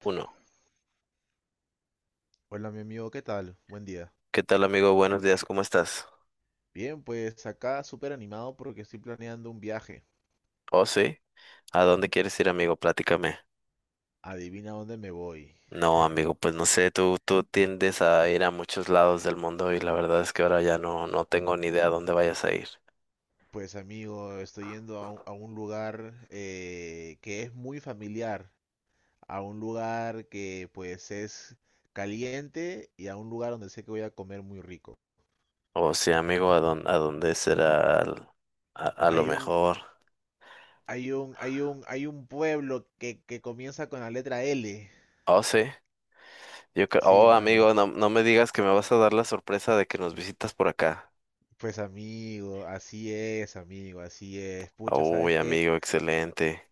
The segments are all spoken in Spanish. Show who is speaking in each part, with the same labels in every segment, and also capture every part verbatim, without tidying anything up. Speaker 1: Uno.
Speaker 2: Hola mi amigo, ¿qué tal? Buen día.
Speaker 1: ¿Qué tal, amigo? Buenos días, ¿cómo estás?
Speaker 2: Bien, pues acá súper animado porque estoy planeando un viaje.
Speaker 1: Oh, sí. ¿A dónde quieres ir, amigo? Platícame.
Speaker 2: Adivina dónde me voy.
Speaker 1: No, amigo, pues no sé, tú, tú tiendes a ir a muchos lados del mundo y la verdad es que ahora ya no, no tengo ni idea a dónde vayas a ir.
Speaker 2: Pues amigo, estoy yendo a un, a un lugar eh, que es muy familiar, a un lugar que pues es caliente y a un lugar donde sé que voy a comer muy rico.
Speaker 1: Oh, sí, amigo, ¿a dónde, a dónde será al- a, a lo
Speaker 2: Hay un,
Speaker 1: mejor?
Speaker 2: hay un, hay un, hay un pueblo que, que comienza con la letra L.
Speaker 1: Oh, sí. Yo creo,
Speaker 2: Sí,
Speaker 1: oh,
Speaker 2: mano.
Speaker 1: amigo, no, no me digas que me vas a dar la sorpresa de que nos visitas por acá.
Speaker 2: Pues amigo, así es, amigo, así es. Pucha, ¿sabes
Speaker 1: Uy,
Speaker 2: qué?
Speaker 1: amigo, excelente.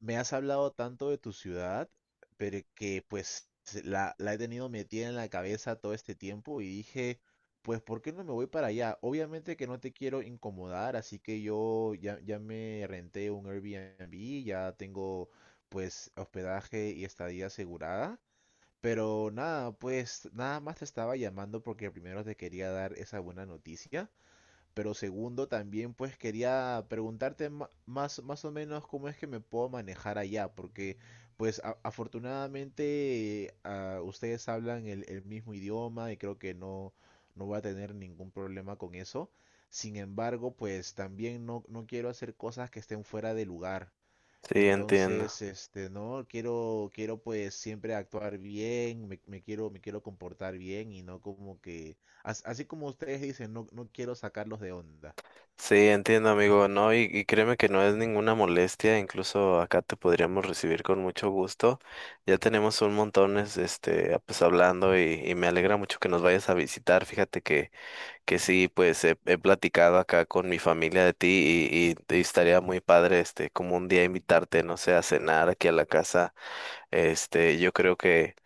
Speaker 2: Me has hablado tanto de tu ciudad, pero que pues la, la he tenido metida en la cabeza todo este tiempo y dije, pues ¿por qué no me voy para allá? Obviamente que no te quiero incomodar, así que yo ya, ya me renté un Airbnb, ya tengo pues hospedaje y estadía asegurada, pero nada, pues nada más te estaba llamando porque primero te quería dar esa buena noticia. Pero segundo, también pues quería preguntarte ma- más, más o menos cómo es que me puedo manejar allá, porque pues a- afortunadamente eh, ah, ustedes hablan el, el mismo idioma y creo que no, no voy a tener ningún problema con eso. Sin embargo, pues también no, no quiero hacer cosas que estén fuera de lugar.
Speaker 1: Sí, entiendo.
Speaker 2: Entonces, este, no, quiero, quiero pues siempre actuar bien, me, me quiero, me quiero comportar bien y no como que, as- así como ustedes dicen, no, no quiero sacarlos de onda.
Speaker 1: Sí, entiendo, amigo. No, y, y créeme que no es ninguna molestia. Incluso acá te podríamos recibir con mucho gusto. Ya tenemos un montón, es- este, ah, pues hablando y, y me alegra mucho que nos vayas a visitar. Fíjate que, que sí, pues he, he platicado acá con mi familia de ti y, y, y estaría muy padre, este, como un día invitarte, no sé, a cenar aquí a la casa. Este, yo creo que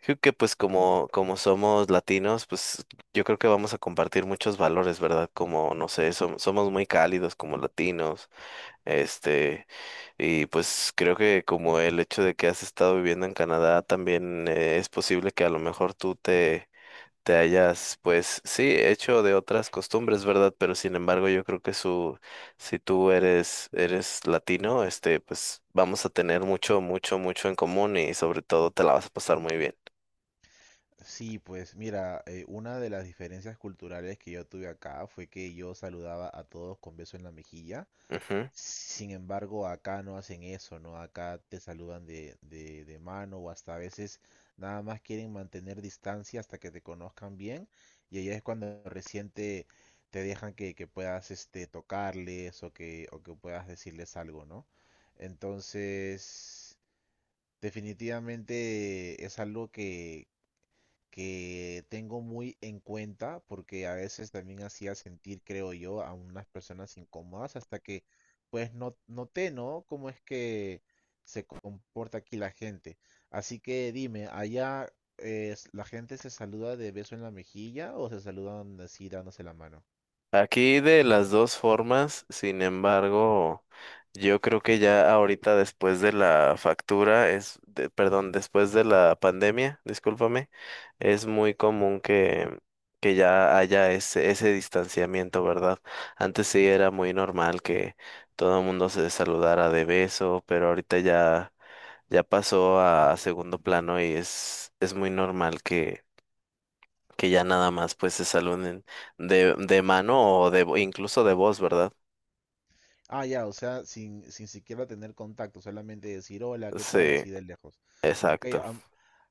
Speaker 1: Creo que pues como, como somos latinos, pues yo creo que vamos a compartir muchos valores, ¿verdad? Como, no sé, som- somos muy cálidos como latinos, este, y pues creo que como el hecho de que has estado viviendo en Canadá, también eh, es posible que a lo mejor tú te, te hayas, pues sí, hecho de otras costumbres, ¿verdad? Pero sin embargo, yo creo que su, si tú eres, eres latino, este, pues vamos a tener mucho, mucho, mucho en común y sobre todo te la vas a pasar muy bien.
Speaker 2: Sí, pues mira, eh, una de las diferencias culturales que yo tuve acá fue que yo saludaba a todos con beso en la mejilla.
Speaker 1: Ujú.
Speaker 2: Sin embargo, acá no hacen eso, ¿no? Acá te saludan de, de, de mano o hasta a veces nada más quieren mantener distancia hasta que te conozcan bien y ahí es cuando recién te, te dejan que, que puedas este, tocarles o que, o que puedas decirles algo, ¿no? Entonces, definitivamente es algo que tengo muy en cuenta porque a veces también hacía sentir, creo yo, a unas personas incómodas hasta que pues no, noté, ¿no? Cómo es que se comporta aquí la gente. Así que dime, ¿allá eh, la gente se saluda de beso en la mejilla o se saludan así dándose la mano?
Speaker 1: Aquí de las dos formas, sin embargo, yo creo que ya ahorita después de la factura es, de- perdón, después de la pandemia, discúlpame, es muy común que, que ya haya ese, ese distanciamiento, ¿verdad? Antes sí era muy normal que todo el mundo se saludara de beso, pero ahorita ya, ya pasó a segundo plano y es, es muy normal que ya nada más pues se saluden de, de mano o de vo- incluso de voz, ¿verdad?
Speaker 2: Ah, ya, o sea, sin, sin siquiera tener contacto, solamente decir hola, ¿qué tal?
Speaker 1: Sí,
Speaker 2: Así de lejos. Ok,
Speaker 1: exacto.
Speaker 2: am-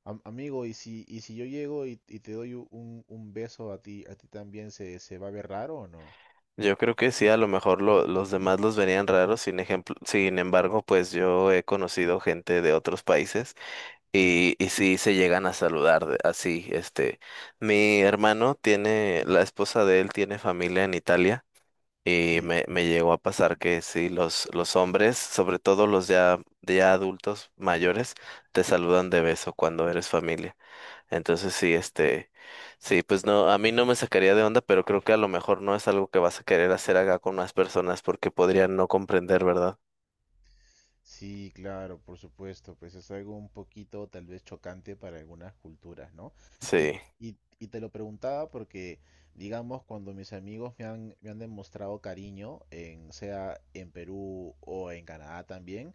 Speaker 2: am- amigo, y si, y si yo llego y, y te doy u- un, un beso a ti, a ti también, ¿se, se va a ver raro o no?
Speaker 1: Yo creo que sí, a lo mejor lo- los demás los verían raros, sin ejemplo, sin embargo, pues yo he conocido gente de otros países
Speaker 2: Sí,
Speaker 1: y, y sí se llegan a saludar de- así, este, mi hermano tiene, la esposa de él tiene familia en Italia. Y
Speaker 2: sí.
Speaker 1: me, me llegó a pasar que sí, los, los hombres, sobre todo los ya, ya adultos mayores, te saludan de beso cuando eres familia. Entonces sí, este, sí, pues no, a mí no me sacaría de onda, pero creo que a lo mejor no es algo que vas a querer hacer acá con más personas porque podrían no comprender, ¿verdad?
Speaker 2: Sí, claro, por supuesto, pues es algo un poquito tal vez chocante para algunas culturas, ¿no? Y,
Speaker 1: Sí,
Speaker 2: y- y te lo preguntaba porque, digamos, cuando mis amigos me han, me han demostrado cariño, en, sea en Perú o en Canadá también,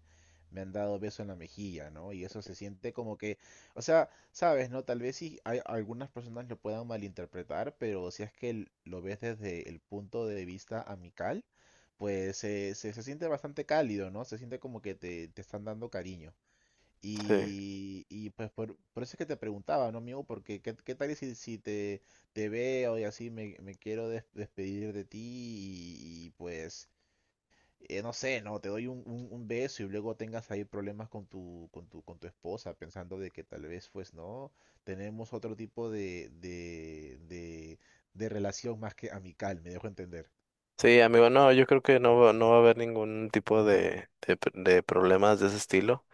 Speaker 2: me han dado beso en la mejilla, ¿no? Y eso se siente como que, o sea, sabes, ¿no? Tal vez sí hay algunas personas lo puedan malinterpretar, pero si es que l- lo ves desde el punto de vista amical, pues se, se, se siente bastante cálido, ¿no? Se siente como que te, te están dando cariño.
Speaker 1: sí.
Speaker 2: Y, y pues por, por eso es que te preguntaba, ¿no, amigo? Porque qué, qué tal si, si te, te veo y así me, me quiero des- despedir de ti y, y, pues, eh, no sé, ¿no? Te doy un, un- un beso y luego tengas ahí problemas con tu, con tu, con tu esposa, pensando de que tal vez, pues, ¿no? Tenemos otro tipo de, de, de, de relación más que amical, me dejo entender.
Speaker 1: Sí, amigo, no, yo creo que no, va- no va a haber ningún tipo de, de, pr- de problemas de ese estilo.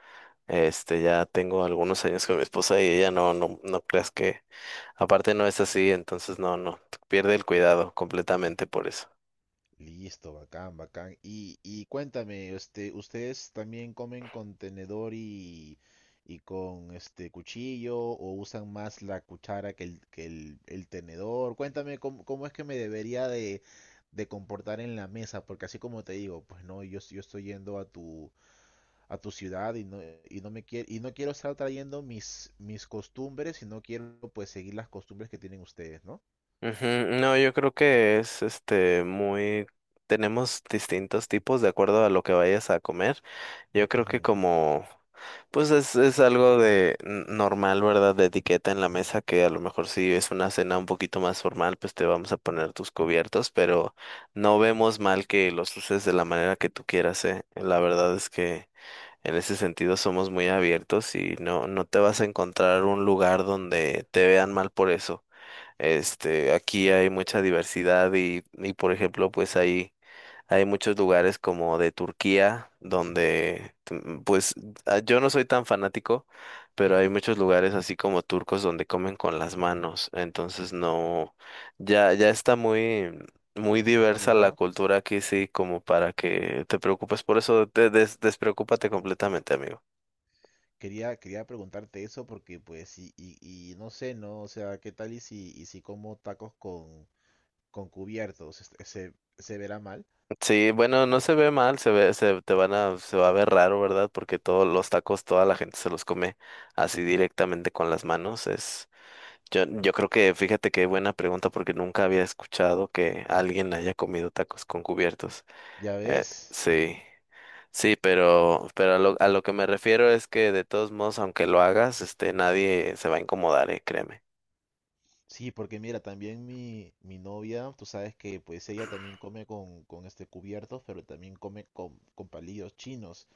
Speaker 1: Este, ya tengo algunos años con mi esposa y ella no, no, no creas que, aparte no es así, entonces no, no, pierde el cuidado completamente por eso.
Speaker 2: Listo, bacán, bacán. Y, y cuéntame, este, ¿ustedes también comen con tenedor y, y con este cuchillo o usan más la cuchara que el, que el, el tenedor? Cuéntame cómo, cómo es que me debería de, de comportar en la mesa, porque así como te digo, pues no, yo, yo estoy yendo a tu, a tu ciudad y no, y no me quiero, y no quiero estar trayendo mis, mis costumbres y no quiero pues seguir las costumbres que tienen ustedes, ¿no?
Speaker 1: Ujú. No, yo creo que es este muy tenemos distintos tipos de acuerdo a lo que vayas a comer. Yo creo que
Speaker 2: Ujú.
Speaker 1: como pues es, es algo de n- normal, ¿verdad? De etiqueta en la mesa que a lo mejor si es una cena un poquito más formal, pues te vamos a poner tus cubiertos, pero no vemos mal que los uses de la manera que tú quieras, ¿eh? La verdad es que en ese sentido somos muy abiertos y no no te vas a encontrar un lugar donde te vean mal por eso. Este, aquí hay mucha diversidad y, y por ejemplo, pues hay, hay muchos lugares como de Turquía, donde, mm, pues ah, yo no soy tan fanático, pero hay muchos lugares así como turcos donde comen con las manos. Entonces no, ya, ya está muy, muy diversa la
Speaker 2: Normalizado.
Speaker 1: cultura aquí, sí, como para que te preocupes por eso, te des- despreocúpate completamente, amigo.
Speaker 2: Quería, quería preguntarte eso porque pues y, y, y no sé, ¿no? O sea, ¿qué tal y si, y si como tacos con, con cubiertos? Este, ¿se, se verá mal?
Speaker 1: Sí, bueno, no se ve mal, se ve, se te van a, se va a ver raro, ¿verdad? Porque todos los tacos, toda la gente se los come así directamente con las manos. Es, yo, yo creo que, fíjate qué buena pregunta, porque nunca había escuchado que alguien haya comido tacos con cubiertos.
Speaker 2: ¿Ya
Speaker 1: Eh,
Speaker 2: ves?
Speaker 1: sí, sí, pero, pero a lo, a lo que me refiero es que de todos modos, aunque lo hagas, este, nadie se va a incomodar, eh, créeme.
Speaker 2: Sí, porque mira, también mi, mi novia, tú sabes que pues ella también come con, con este cubiertos, pero también come con, con palillos chinos.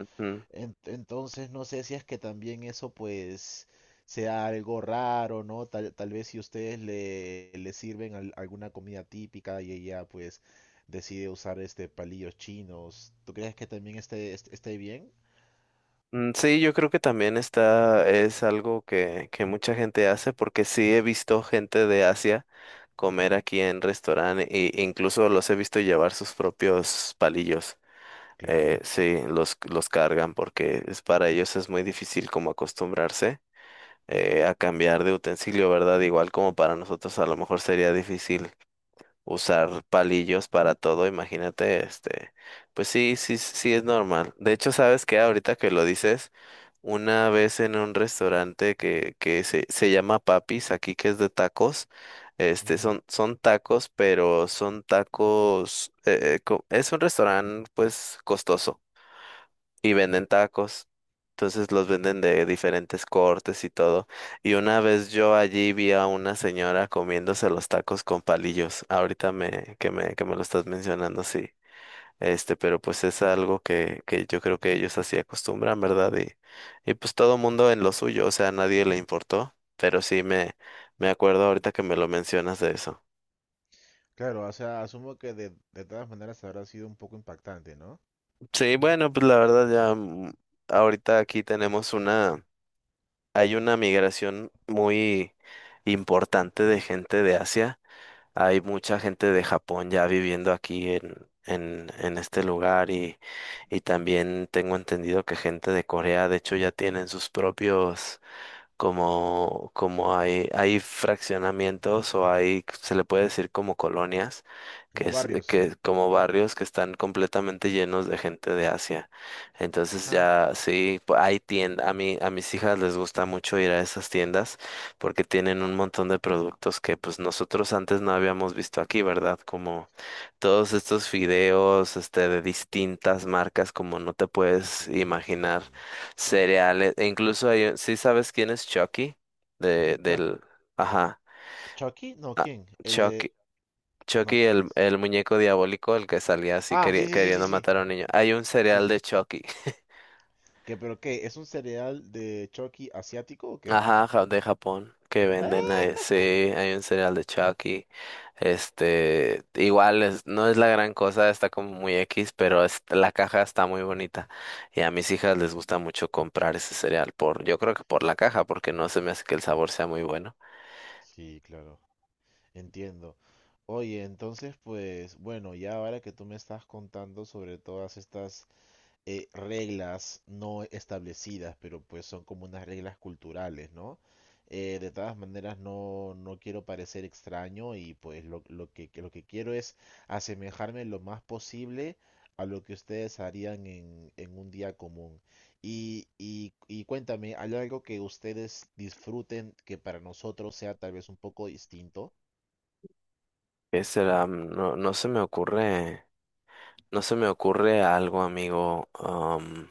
Speaker 2: En- Entonces no sé si es que también eso pues sea algo raro, ¿no? Tal, tal vez si ustedes le, le sirven al- alguna comida típica y ella pues decide usar este palillos chinos, ¿tú crees que también esté, est- esté bien?
Speaker 1: Mm, sí, yo creo que también está, es algo que, que mucha gente hace porque sí he visto gente de Asia comer aquí en restaurante e incluso los he visto llevar sus propios palillos. Eh,
Speaker 2: Claro.
Speaker 1: sí, los, los cargan porque es, para ellos es muy difícil como acostumbrarse eh, a cambiar de utensilio, ¿verdad? Igual como para nosotros a lo mejor sería difícil usar palillos para todo, imagínate, este, pues sí, sí, sí es normal. De hecho, ¿sabes qué? Ahorita que lo dices, una vez en un restaurante que, que se, se llama Papis, aquí que es de tacos, este,
Speaker 2: Ujú.
Speaker 1: son, son tacos, pero son tacos, eh, eh, co- es un restaurante, pues, costoso y venden tacos. Entonces los venden de diferentes cortes y todo. Y una vez yo allí vi a una señora comiéndose los tacos con palillos. Ahorita me, que me, que me lo estás mencionando, sí. Este, pero pues es algo que, que yo creo que ellos así acostumbran, ¿verdad? Y, y pues todo mundo en lo suyo, o sea, a nadie le importó. Pero sí me, me acuerdo ahorita que me lo mencionas de eso.
Speaker 2: Claro, o sea, asumo que de, de todas maneras habrá sido un poco impactante, ¿no?
Speaker 1: Sí, bueno, pues la verdad ya mm, ahorita aquí tenemos una. Hay una migración muy importante de gente de Asia. Hay mucha gente de Japón ya viviendo aquí en, en, en este lugar y, y también tengo entendido que gente de Corea, de hecho, ya tienen sus propios como, como hay, hay fraccionamientos o hay, se le puede decir como colonias, que
Speaker 2: Como
Speaker 1: es,
Speaker 2: barrios.
Speaker 1: que como barrios que están completamente llenos de gente de Asia. Entonces
Speaker 2: Ah,
Speaker 1: ya sí, pu- hay tiendas, a mí, a mis hijas les gusta mucho ir a esas tiendas porque tienen un montón de productos que pues nosotros antes no habíamos visto aquí, ¿verdad? Como todos estos fideos, este, de distintas marcas, como no te
Speaker 2: sí,
Speaker 1: puedes
Speaker 2: sí, sí,
Speaker 1: imaginar.
Speaker 2: sí, sí, sí, sí.
Speaker 1: Cereales. E incluso hay, un- ¿sí sabes quién es Chucky? De,
Speaker 2: Chuck-
Speaker 1: del, ajá,
Speaker 2: ¿Chucky? No, ¿quién? El de...
Speaker 1: Chucky.
Speaker 2: No,
Speaker 1: Chucky,
Speaker 2: ¿quién
Speaker 1: el,
Speaker 2: es?
Speaker 1: el muñeco diabólico, el que salía así
Speaker 2: Ah, sí,
Speaker 1: queri-
Speaker 2: sí, sí, sí,
Speaker 1: queriendo
Speaker 2: sí.
Speaker 1: matar a un niño. Hay un
Speaker 2: Sí,
Speaker 1: cereal
Speaker 2: sí.
Speaker 1: de Chucky.
Speaker 2: ¿Qué, pero qué? ¿Es un cereal de Chucky asiático o qué?
Speaker 1: Ajá, ja- de Japón, que
Speaker 2: ¡Ah!
Speaker 1: venden ahí. Sí, hay un cereal de Chucky. Este, igual es- no es la gran cosa, está como muy X, pero es- la caja está muy bonita. Y a mis hijas les gusta mucho comprar ese cereal por, yo creo que por la caja, porque no se me hace que el sabor sea muy bueno.
Speaker 2: Sí, claro, entiendo. Oye, entonces, pues, bueno, ya ahora que tú me estás contando sobre todas estas eh, reglas no establecidas, pero pues son como unas reglas culturales, ¿no? Eh, de todas maneras, no, no quiero parecer extraño y pues lo, lo que, que lo que quiero es asemejarme lo más posible a lo que ustedes harían en, en un día común. Y, y, y cuéntame, ¿hay algo que ustedes disfruten que para nosotros sea tal vez un poco distinto?
Speaker 1: ¿Qué será? Mm, no, no se me ocurre, no se me ocurre algo, amigo. Am,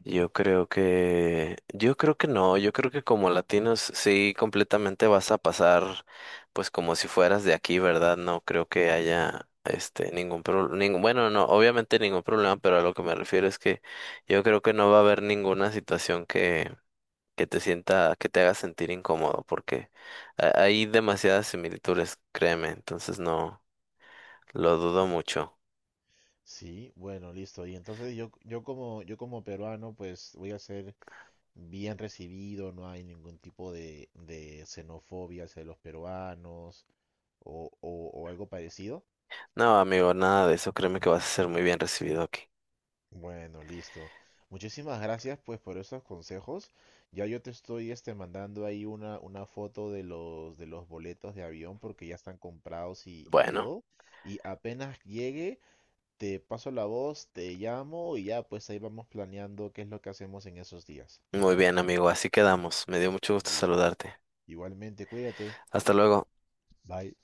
Speaker 1: yo creo que, yo creo que no, yo creo que como latinos sí completamente vas a pasar, pues como si fueras de aquí, ¿verdad? No creo que haya, este, ningún problema, ningún, bueno, no, obviamente ningún problema, pero a lo que me refiero es que yo creo que no va a haber ninguna situación que, que te sienta, que te haga sentir incómodo, porque ha- hay demasiadas similitudes, créeme, entonces no. Lo dudo mucho.
Speaker 2: Sí, bueno, listo. Y entonces yo, yo como, yo como peruano, pues voy a hacer bien recibido, no hay ningún tipo de, de xenofobia hacia los peruanos o, o- o algo parecido.
Speaker 1: No, amigo, nada de eso. Créeme que vas a ser muy bien recibido aquí.
Speaker 2: Bueno, listo. Muchísimas gracias pues por esos consejos. Ya yo te estoy este mandando ahí una, una foto de los de los boletos de avión porque ya están comprados y, y
Speaker 1: Bueno,
Speaker 2: todo. Y apenas llegue, te paso la voz, te llamo y ya pues ahí vamos planeando qué es lo que hacemos en esos días.
Speaker 1: muy bien, amigo. Así quedamos. Me dio mucho gusto
Speaker 2: Listo.
Speaker 1: saludarte.
Speaker 2: Igualmente, cuídate.
Speaker 1: Hasta luego.
Speaker 2: Bye.